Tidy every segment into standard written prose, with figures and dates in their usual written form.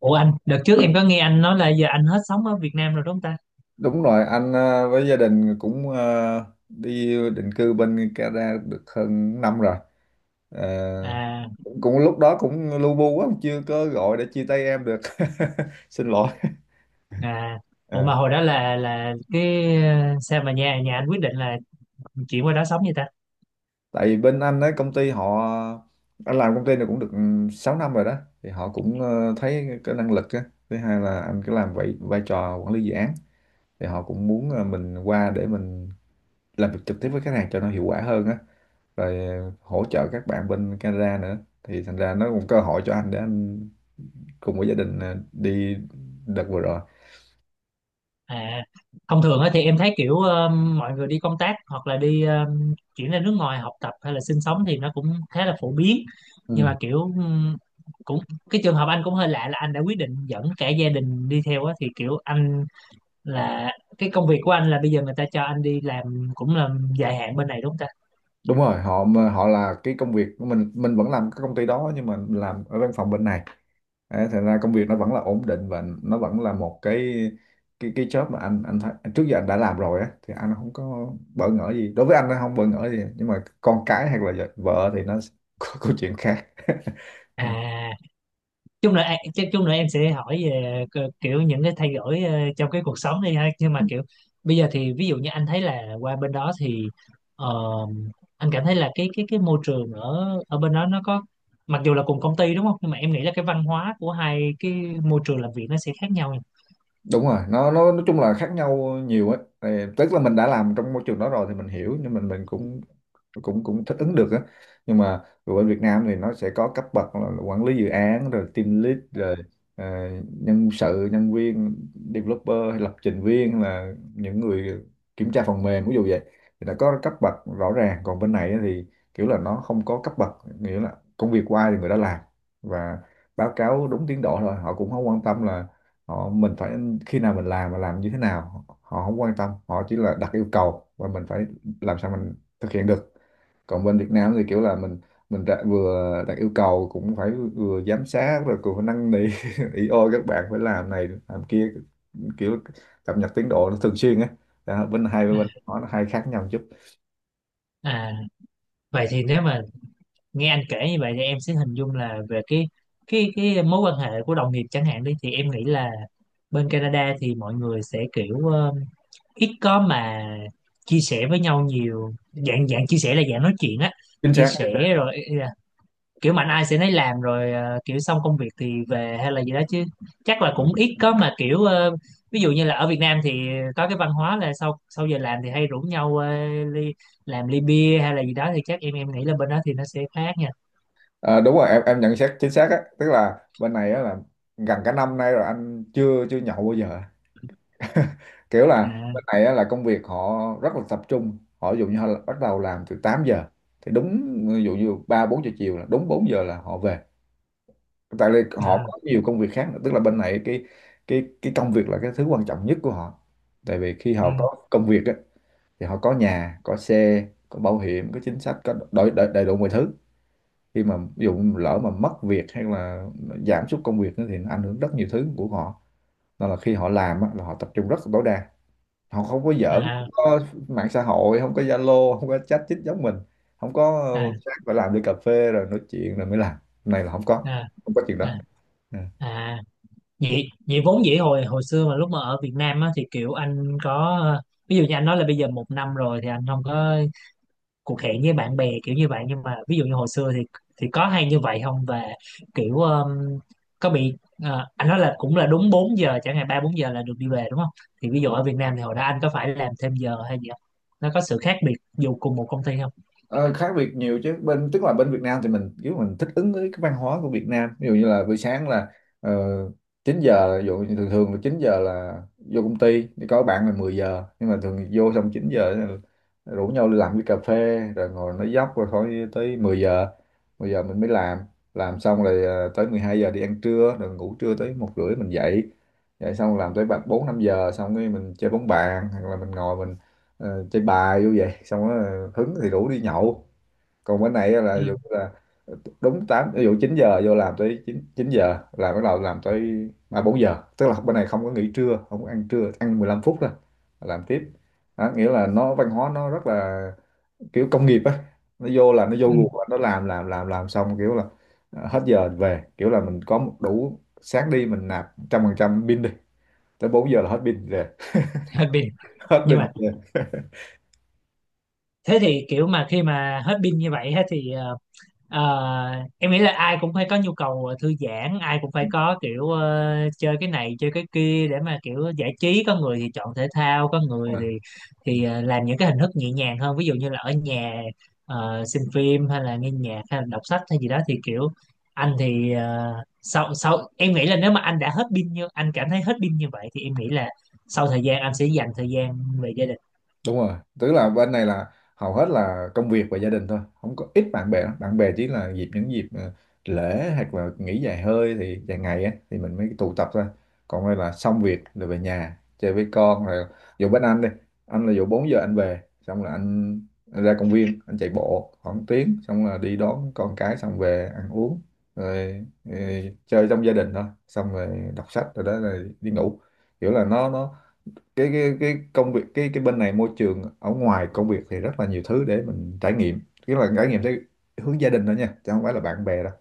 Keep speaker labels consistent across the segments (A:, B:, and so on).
A: Ủa anh, đợt trước em có nghe anh nói là giờ anh hết sống ở Việt Nam rồi đúng không ta?
B: Đúng rồi, anh với gia đình cũng đi định cư bên Canada được hơn năm rồi. Ờ,
A: À,
B: cũng cũng lúc đó cũng lu bu quá, chưa có gọi để chia tay em được. Xin lỗi.
A: à, ủa
B: Ờ,
A: mà hồi đó là cái sao mà nhà nhà anh quyết định là chuyển qua đó sống vậy ta?
B: Tại vì bên anh ấy công ty họ, anh làm công ty này cũng được 6 năm rồi đó, thì họ cũng thấy cái năng lực á. Thứ hai là anh cứ làm vậy vai trò quản lý dự án, thì họ cũng muốn mình qua để mình làm việc trực tiếp với khách hàng cho nó hiệu quả hơn á. Rồi hỗ trợ các bạn bên Canada nữa, thì thành ra nó cũng cơ hội cho anh để anh cùng với gia đình đi đợt vừa rồi.
A: À, thông thường á thì em thấy kiểu mọi người đi công tác hoặc là đi chuyển ra nước ngoài học tập hay là sinh sống thì nó cũng khá là phổ biến. Nhưng
B: Ừ.
A: mà kiểu cũng cái trường hợp anh cũng hơi lạ là anh đã quyết định dẫn cả gia đình đi theo á, thì kiểu anh là cái công việc của anh là bây giờ người ta cho anh đi làm cũng là dài hạn bên này đúng không ta?
B: Đúng rồi, họ họ là cái công việc của mình vẫn làm cái công ty đó nhưng mà làm ở văn phòng bên này. Đấy, thành ra công việc nó vẫn là ổn định và nó vẫn là một cái, cái job mà anh thấy trước giờ anh đã làm rồi á, thì anh không có bỡ ngỡ gì. Đối với anh nó không bỡ ngỡ gì nhưng mà con cái hay là vợ thì nó có câu chuyện khác.
A: À, chút nữa chắc chút nữa em sẽ hỏi về kiểu những cái thay đổi trong cái cuộc sống đi ha, nhưng mà kiểu bây giờ thì ví dụ như anh thấy là qua bên đó thì ờ, anh cảm thấy là cái môi trường ở ở bên đó nó có, mặc dù là cùng công ty đúng không, nhưng mà em nghĩ là cái văn hóa của hai cái môi trường làm việc nó sẽ khác nhau nha.
B: Đúng rồi, nó nói chung là khác nhau nhiều ấy. Thì tức là mình đã làm trong môi trường đó rồi thì mình hiểu, nhưng mình cũng cũng cũng thích ứng được á. Nhưng mà ở Việt Nam thì nó sẽ có cấp bậc là quản lý dự án, rồi team lead, rồi ờ, nhân sự, nhân viên, developer hay lập trình viên, hay là những người kiểm tra phần mềm, ví dụ vậy. Thì nó có cấp bậc rõ ràng, còn bên này á thì kiểu là nó không có cấp bậc. Nghĩa là công việc của ai thì người đó làm, và báo cáo đúng tiến độ thôi. Họ cũng không quan tâm là họ, mình phải khi nào mình làm, mà làm như thế nào họ không quan tâm. Họ chỉ là đặt yêu cầu và mình phải làm sao mình thực hiện được. Còn bên Việt Nam thì kiểu là mình đã, vừa đặt yêu cầu cũng phải vừa giám sát, rồi cũng phải năn nỉ ý ôi các bạn phải làm này làm kia, kiểu cập nhật tiến độ nó thường xuyên á. Đó, bên hai
A: À,
B: bên nó hai khác nhau chút.
A: à, vậy thì nếu mà nghe anh kể như vậy thì em sẽ hình dung là về cái mối quan hệ của đồng nghiệp chẳng hạn đi thì em nghĩ là bên Canada thì mọi người sẽ kiểu ít có mà chia sẻ với nhau nhiều, dạng dạng chia sẻ là dạng nói chuyện á,
B: Chính
A: chia
B: xác, chính
A: sẻ
B: xác.
A: rồi ý là kiểu mạnh ai sẽ nấy làm rồi kiểu xong công việc thì về hay là gì đó, chứ chắc là cũng ít có mà kiểu ví dụ như là ở Việt Nam thì có cái văn hóa là sau sau giờ làm thì hay rủ nhau ly, làm ly bia hay là gì đó, thì chắc em nghĩ là bên đó thì nó sẽ khác nha.
B: À, đúng rồi, em nhận xét chính xác á. Tức là bên này á là gần cả năm nay rồi anh chưa chưa nhậu bao giờ. Kiểu là
A: À,
B: bên này á, là công việc họ rất là tập trung. Họ ví dụ như họ bắt đầu làm từ 8 giờ, thì đúng ví dụ như 3 4 giờ chiều, là đúng 4 giờ là họ về, tại vì họ
A: à,
B: có nhiều công việc khác nữa. Tức là bên này cái, cái công việc là cái thứ quan trọng nhất của họ. Tại vì khi
A: ừ,
B: họ có công việc á, thì họ có nhà, có xe, có bảo hiểm, có chính sách, có đầy, đầy, đầy đủ mọi thứ. Khi mà ví dụ lỡ mà mất việc hay là giảm sút công việc nữa thì nó ảnh hưởng rất nhiều thứ của họ. Nên là khi họ làm á, là họ tập trung rất là tối đa. Họ không có giỡn,
A: à,
B: không có mạng xã hội, không có Zalo, không có chat chít giống mình, không có
A: à,
B: sáng và làm đi cà phê rồi nói chuyện rồi mới làm, này là không có,
A: à,
B: không có chuyện đó.
A: à.
B: Ừ.
A: À. vậy vậy vốn dĩ hồi hồi xưa mà lúc mà ở Việt Nam á, thì kiểu anh có, ví dụ như anh nói là bây giờ một năm rồi thì anh không có cuộc hẹn với bạn bè kiểu như vậy, nhưng mà ví dụ như hồi xưa thì có hay như vậy không? Và kiểu có bị, à, anh nói là cũng là đúng 4 giờ chẳng hạn 3 4 giờ là được đi về đúng không, thì ví dụ ở Việt Nam thì hồi đó anh có phải làm thêm giờ hay gì không, nó có sự khác biệt dù cùng một công ty không?
B: Ờ, khác biệt nhiều chứ. Bên tức là bên Việt Nam thì mình kiểu mình thích ứng với cái văn hóa của Việt Nam. Ví dụ như là buổi sáng là ờ, 9 giờ, ví dụ như thường thường là 9 giờ là vô công ty, thì có bạn là 10 giờ, nhưng mà thường vô xong 9 giờ là rủ nhau đi làm cái cà phê rồi ngồi nói dóc rồi khỏi tới 10 giờ. 10 giờ mình mới làm xong rồi tới 12 giờ đi ăn trưa rồi ngủ trưa tới 1 rưỡi mình dậy. Dậy xong làm tới 4 5 giờ, xong cái mình chơi bóng bàn hoặc là mình ngồi mình chơi bài vô vậy, xong đó hứng thì rủ đi nhậu. Còn bên này là
A: Ừ.
B: ví dụ là đúng tám, ví dụ 9 giờ vô làm tới 9 9 giờ là bắt đầu làm tới 3 4 giờ. Tức là bên này không có nghỉ trưa, không có ăn trưa, ăn 15 phút thôi, làm tiếp. Đó, nghĩa là nó văn hóa nó rất là kiểu công nghiệp á. Nó vô là nó vô
A: Ừ.
B: guồng á, nó làm xong kiểu là hết giờ về. Kiểu là mình có một đủ sáng đi mình nạp 100% pin đi, tới 4 giờ là hết pin rồi.
A: Hết pin.
B: Hết
A: Nhưng
B: pin
A: mà thế thì kiểu mà khi mà hết pin như vậy á, thì Ờ, em nghĩ là ai cũng phải có nhu cầu thư giãn, ai cũng phải có kiểu chơi cái này chơi cái kia để mà kiểu giải trí. Có người thì chọn thể thao, có người thì
B: rồi.
A: làm những cái hình thức nhẹ nhàng hơn. Ví dụ như là ở nhà xem phim hay là nghe nhạc hay là đọc sách hay gì đó, thì kiểu anh thì ờ, sau sau em nghĩ là nếu mà anh đã hết pin như anh cảm thấy hết pin như vậy thì em nghĩ là sau thời gian anh sẽ dành thời gian về gia đình.
B: Đúng rồi, tức là bên này là hầu hết là công việc và gia đình thôi, không có ít bạn bè lắm. Bạn bè chỉ là dịp, những dịp lễ hoặc là nghỉ dài hơi, thì dài ngày á thì mình mới tụ tập thôi. Còn đây là xong việc rồi về nhà chơi với con. Rồi dù bên anh đi, anh là dù 4 giờ anh về, xong là anh ra công viên anh chạy bộ khoảng tiếng, xong là đi đón con cái, xong về ăn uống rồi, chơi trong gia đình thôi, xong rồi đọc sách, rồi đó rồi đi ngủ. Kiểu là nó cái, cái công việc cái bên này môi trường ở ngoài công việc thì rất là nhiều thứ để mình trải nghiệm. Tức là trải nghiệm theo hướng gia đình thôi nha, chứ không phải là bạn bè đâu.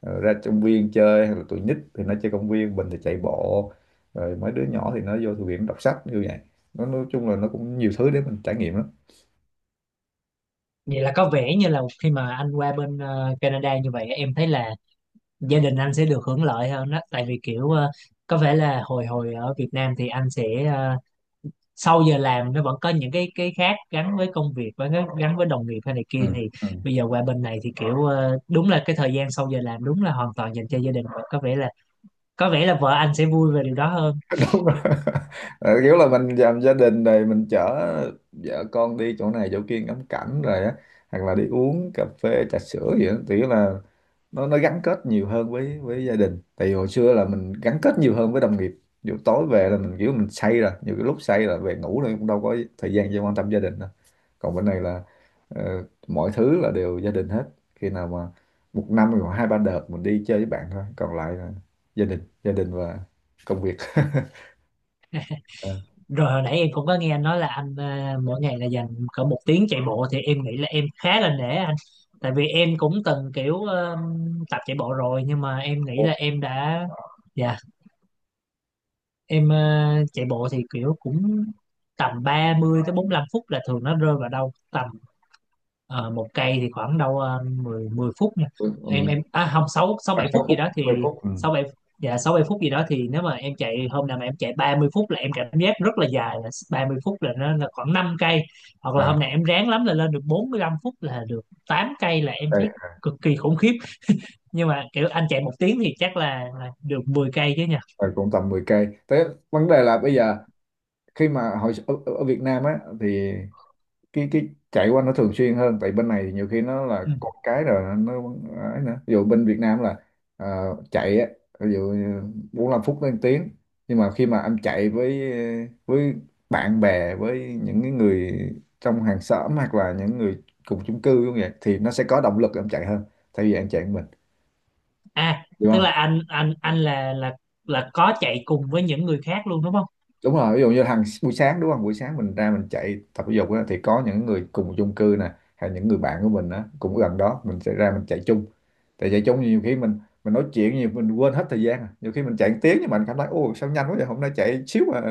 B: Ờ, ra công viên chơi hay là tụi nít thì nó chơi công viên, mình thì chạy bộ, rồi mấy đứa nhỏ thì nó vô thư viện đọc sách như vậy. Nó nói chung là nó cũng nhiều thứ để mình trải nghiệm lắm.
A: Vậy là có vẻ như là khi mà anh qua bên Canada như vậy, em thấy là gia đình anh sẽ được hưởng lợi hơn đó, tại vì kiểu có vẻ là hồi hồi ở Việt Nam thì anh sẽ sau giờ làm nó vẫn có những cái khác gắn với công việc và gắn với đồng nghiệp hay này kia,
B: Ừ.
A: thì
B: Ừ.
A: bây giờ qua bên này thì kiểu đúng là cái thời gian sau giờ làm đúng là hoàn toàn dành cho gia đình, và có vẻ là vợ anh sẽ vui về điều đó hơn.
B: Đúng rồi. Ờ, kiểu là mình làm gia đình rồi mình chở vợ con đi chỗ này chỗ kia ngắm cảnh rồi á, hoặc là đi uống cà phê trà sữa gì đó, thì là nó gắn kết nhiều hơn với gia đình. Tại vì hồi xưa là mình gắn kết nhiều hơn với đồng nghiệp, dù tối về là mình kiểu mình say rồi, nhiều cái lúc say là về ngủ rồi cũng đâu có thời gian cho quan tâm gia đình đâu. Còn bên này là mọi thứ là đều gia đình hết. Khi nào mà một năm thì khoảng hai ba đợt mình đi chơi với bạn thôi, còn lại là gia đình, gia đình và công việc. À,
A: Rồi hồi nãy em cũng có nghe anh nói là anh mỗi ngày là dành cỡ một tiếng chạy bộ, thì em nghĩ là em khá là nể anh, tại vì em cũng từng kiểu tập chạy bộ rồi nhưng mà em nghĩ là
B: một-
A: em đã. Dạ, em chạy bộ thì kiểu cũng tầm 30 tới 45 phút, là thường nó rơi vào đâu tầm ờ, 1 cây thì khoảng đâu 10 10 phút nha. em
B: ừm,
A: em à không, 6 6
B: và
A: 7
B: sáu
A: phút gì
B: phút,
A: đó thì
B: 10 phút. Ừ.
A: 6 bảy, dạ 6 7 phút gì đó thì nếu mà em chạy hôm nào mà em chạy 30 phút là em cảm giác rất là dài, là 30 phút là nó là khoảng 5 cây. Hoặc là
B: À,
A: hôm nào em ráng lắm là lên được 45 phút là được 8 cây là em
B: đây,
A: thấy cực kỳ khủng khiếp. Nhưng mà kiểu anh chạy một tiếng thì chắc là được 10 cây chứ nhỉ?
B: và cũng tầm 10 cây thế. Vấn đề là bây giờ khi mà hồi ở, ở Việt Nam á, thì cái chạy qua nó thường xuyên hơn. Tại bên này thì nhiều khi nó là con cái rồi nó ấy nữa. Ví dụ bên Việt Nam là chạy á, ví dụ như 45 phút đến 1 tiếng. Nhưng mà khi mà em chạy với bạn bè, với những cái người trong hàng xóm, hoặc là những người cùng chung cư cũng vậy, thì nó sẽ có động lực em chạy hơn, thay vì em chạy một mình.
A: À, tức
B: Đúng.
A: là anh là có chạy cùng với những người khác luôn đúng không?
B: Đúng rồi, ví dụ như hàng buổi sáng đúng không, buổi sáng mình ra mình chạy tập thể dục á, thì có những người cùng chung cư nè, hay những người bạn của mình á, cũng gần đó mình sẽ ra mình chạy chung. Tại chạy chung nhiều khi mình nói chuyện nhiều mình quên hết thời gian à. Nhiều khi mình chạy một tiếng nhưng mà mình cảm thấy ô sao nhanh quá vậy, hôm nay chạy xíu mà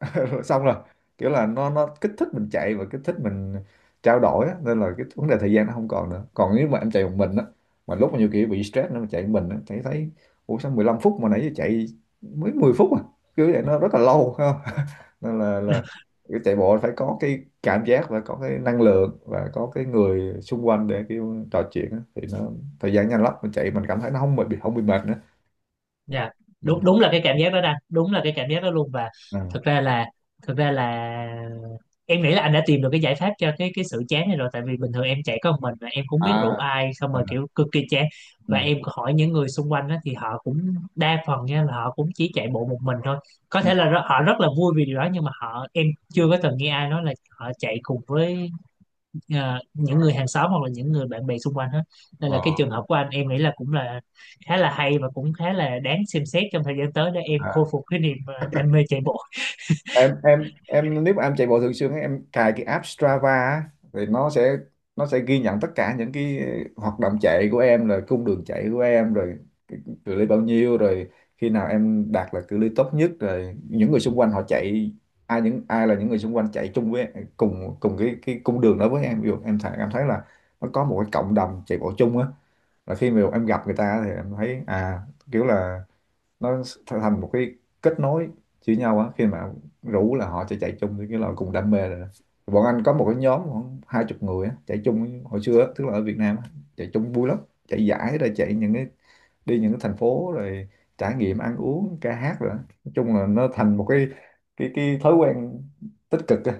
B: xong rồi. Kiểu là nó kích thích mình chạy và kích thích mình trao đổi á. Nên là cái vấn đề thời gian nó không còn nữa. Còn nếu mà em chạy một mình á, mà lúc mà nhiều khi bị stress nó chạy một mình á, chạy thấy ủa sao 15 phút mà nãy giờ chạy mới 10 phút à, kiểu vậy nó rất là lâu phải không. Nên là cái chạy bộ phải có cái cảm giác, và có cái năng lượng, và có cái người xung quanh để kiểu trò chuyện á. Thì nó thời gian nhanh lắm, mình chạy mình cảm thấy nó không bị, không bị mệt nữa.
A: Dạ,
B: Ừ.
A: đúng đúng là cái cảm giác đó đang đúng là cái cảm giác đó luôn. Và
B: À.
A: thực ra là, thực ra là em nghĩ là anh đã tìm được cái giải pháp cho cái sự chán này rồi, tại vì bình thường em chạy có một mình và em cũng
B: À.
A: biết rủ ai, xong
B: À.
A: rồi kiểu cực kỳ chán. Và
B: Ừ.
A: em hỏi những người xung quanh đó, thì họ cũng đa phần nha là họ cũng chỉ chạy bộ một mình thôi. Có
B: Ừ.
A: thể là họ rất là vui vì điều đó, nhưng mà họ em chưa có từng nghe ai nói là họ chạy cùng với những người hàng xóm hoặc là những người bạn bè xung quanh hết. Nên là
B: Ờ.
A: cái trường hợp của anh em nghĩ là cũng là khá là hay và cũng khá là đáng xem xét trong thời gian tới để em khôi
B: À.
A: phục cái niềm đam mê chạy bộ.
B: em nếu mà em chạy bộ thường xuyên ấy, em cài cái app Strava á, thì nó sẽ ghi nhận tất cả những cái hoạt động chạy của em, rồi cung đường chạy của em, rồi cái cự ly bao nhiêu, rồi khi nào em đạt là cự ly tốt nhất, rồi những người xung quanh họ chạy, ai, những ai là những người xung quanh chạy chung với cùng cùng cái cung đường đó với em. Ví dụ em thấy, em thấy là nó có một cái cộng đồng chạy bộ chung á. Là khi mà em gặp người ta thì em thấy à, kiểu là nó thành một cái kết nối giữa nhau á, khi mà rủ là họ sẽ chạy chung cái là cùng đam mê rồi đó. Bọn anh có một cái nhóm khoảng 20 người á, chạy chung hồi xưa á, tức là ở Việt Nam á, chạy chung vui lắm. Chạy giải rồi chạy những cái, đi những cái thành phố, rồi trải nghiệm ăn uống ca hát rồi đó. Nói chung là nó thành một cái, cái thói quen tích cực á.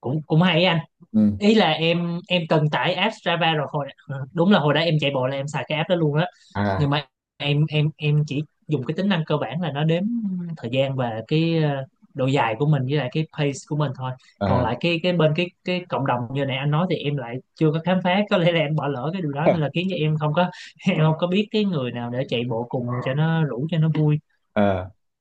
A: Cũng cũng hay ấy anh.
B: Ừ.
A: Ý là em cần tải app Strava. Rồi hồi đúng là hồi đó em chạy bộ là em xài cái app đó luôn á,
B: À.
A: nhưng mà em chỉ dùng cái tính năng cơ bản là nó đếm thời gian và cái độ dài của mình với lại cái pace của mình thôi. Còn
B: À.
A: lại cái bên cái cộng đồng như nãy anh nói thì em lại chưa có khám phá, có lẽ là em bỏ lỡ cái điều đó nên là khiến cho em không có em không có biết cái người nào để chạy bộ cùng cho nó rủ cho nó vui.
B: À,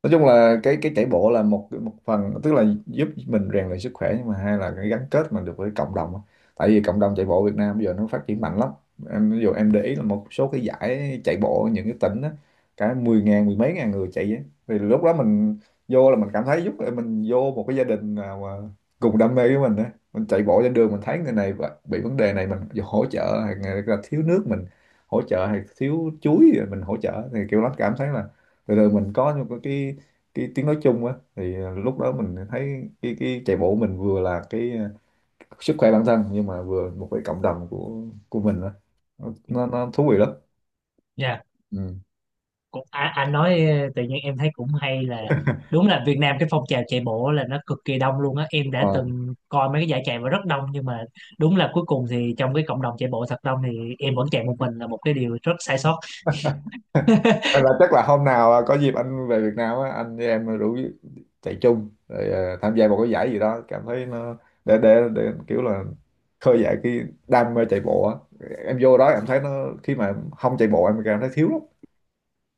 B: nói chung là cái chạy bộ là một, một phần tức là giúp mình rèn luyện sức khỏe, nhưng mà hai là cái gắn kết mình được với cộng đồng á. Tại vì cộng đồng chạy bộ Việt Nam bây giờ nó phát triển mạnh lắm. Em ví dụ em để ý là một số cái giải chạy bộ ở những cái tỉnh á, cả 10.000, mười mấy ngàn người chạy á, thì lúc đó mình vô là mình cảm thấy giúp mình vô một cái gia đình nào mà cùng đam mê với mình á. Mình chạy bộ trên đường mình thấy người này bị vấn đề này mình hỗ trợ, hay là thiếu nước mình hỗ trợ, hay thiếu chuối rồi mình hỗ trợ, thì kiểu nó cảm thấy là, rồi, rồi mình có những cái, cái tiếng nói chung á. Thì lúc đó mình thấy cái chạy bộ mình vừa là cái sức khỏe bản thân, nhưng mà vừa một cái cộng đồng của mình á. Nó thú vị lắm.
A: Dạ.
B: Ừ.
A: Cũng à, anh nói tự nhiên em thấy cũng hay. Là đúng là Việt Nam cái phong trào chạy bộ là nó cực kỳ đông luôn á, em
B: Đúng
A: đã
B: rồi.
A: từng coi mấy cái giải chạy và rất đông. Nhưng mà đúng là cuối cùng thì trong cái cộng đồng chạy bộ thật đông thì em vẫn chạy một mình là một cái điều rất sai sót.
B: Hay là chắc là hôm nào à, có dịp anh về Việt Nam á, anh với em rủ chạy chung, rồi tham gia một cái giải gì đó cảm thấy nó, để kiểu là khơi dậy cái đam mê chạy bộ á. Em vô đó em thấy nó, khi mà không chạy bộ em cảm thấy thiếu lắm,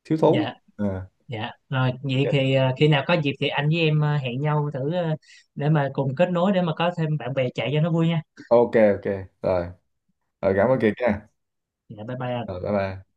B: thiếu thốn lắm.
A: Dạ,
B: À,
A: dạ, rồi vậy thì khi nào có dịp thì anh với em hẹn nhau thử để mà cùng kết nối để mà có thêm bạn bè chạy cho nó vui nha.
B: ok, ok, rồi, rồi cảm ơn Kiệt
A: Rồi
B: nha.
A: dạ, bye bye
B: Rồi,
A: anh.
B: bye bye.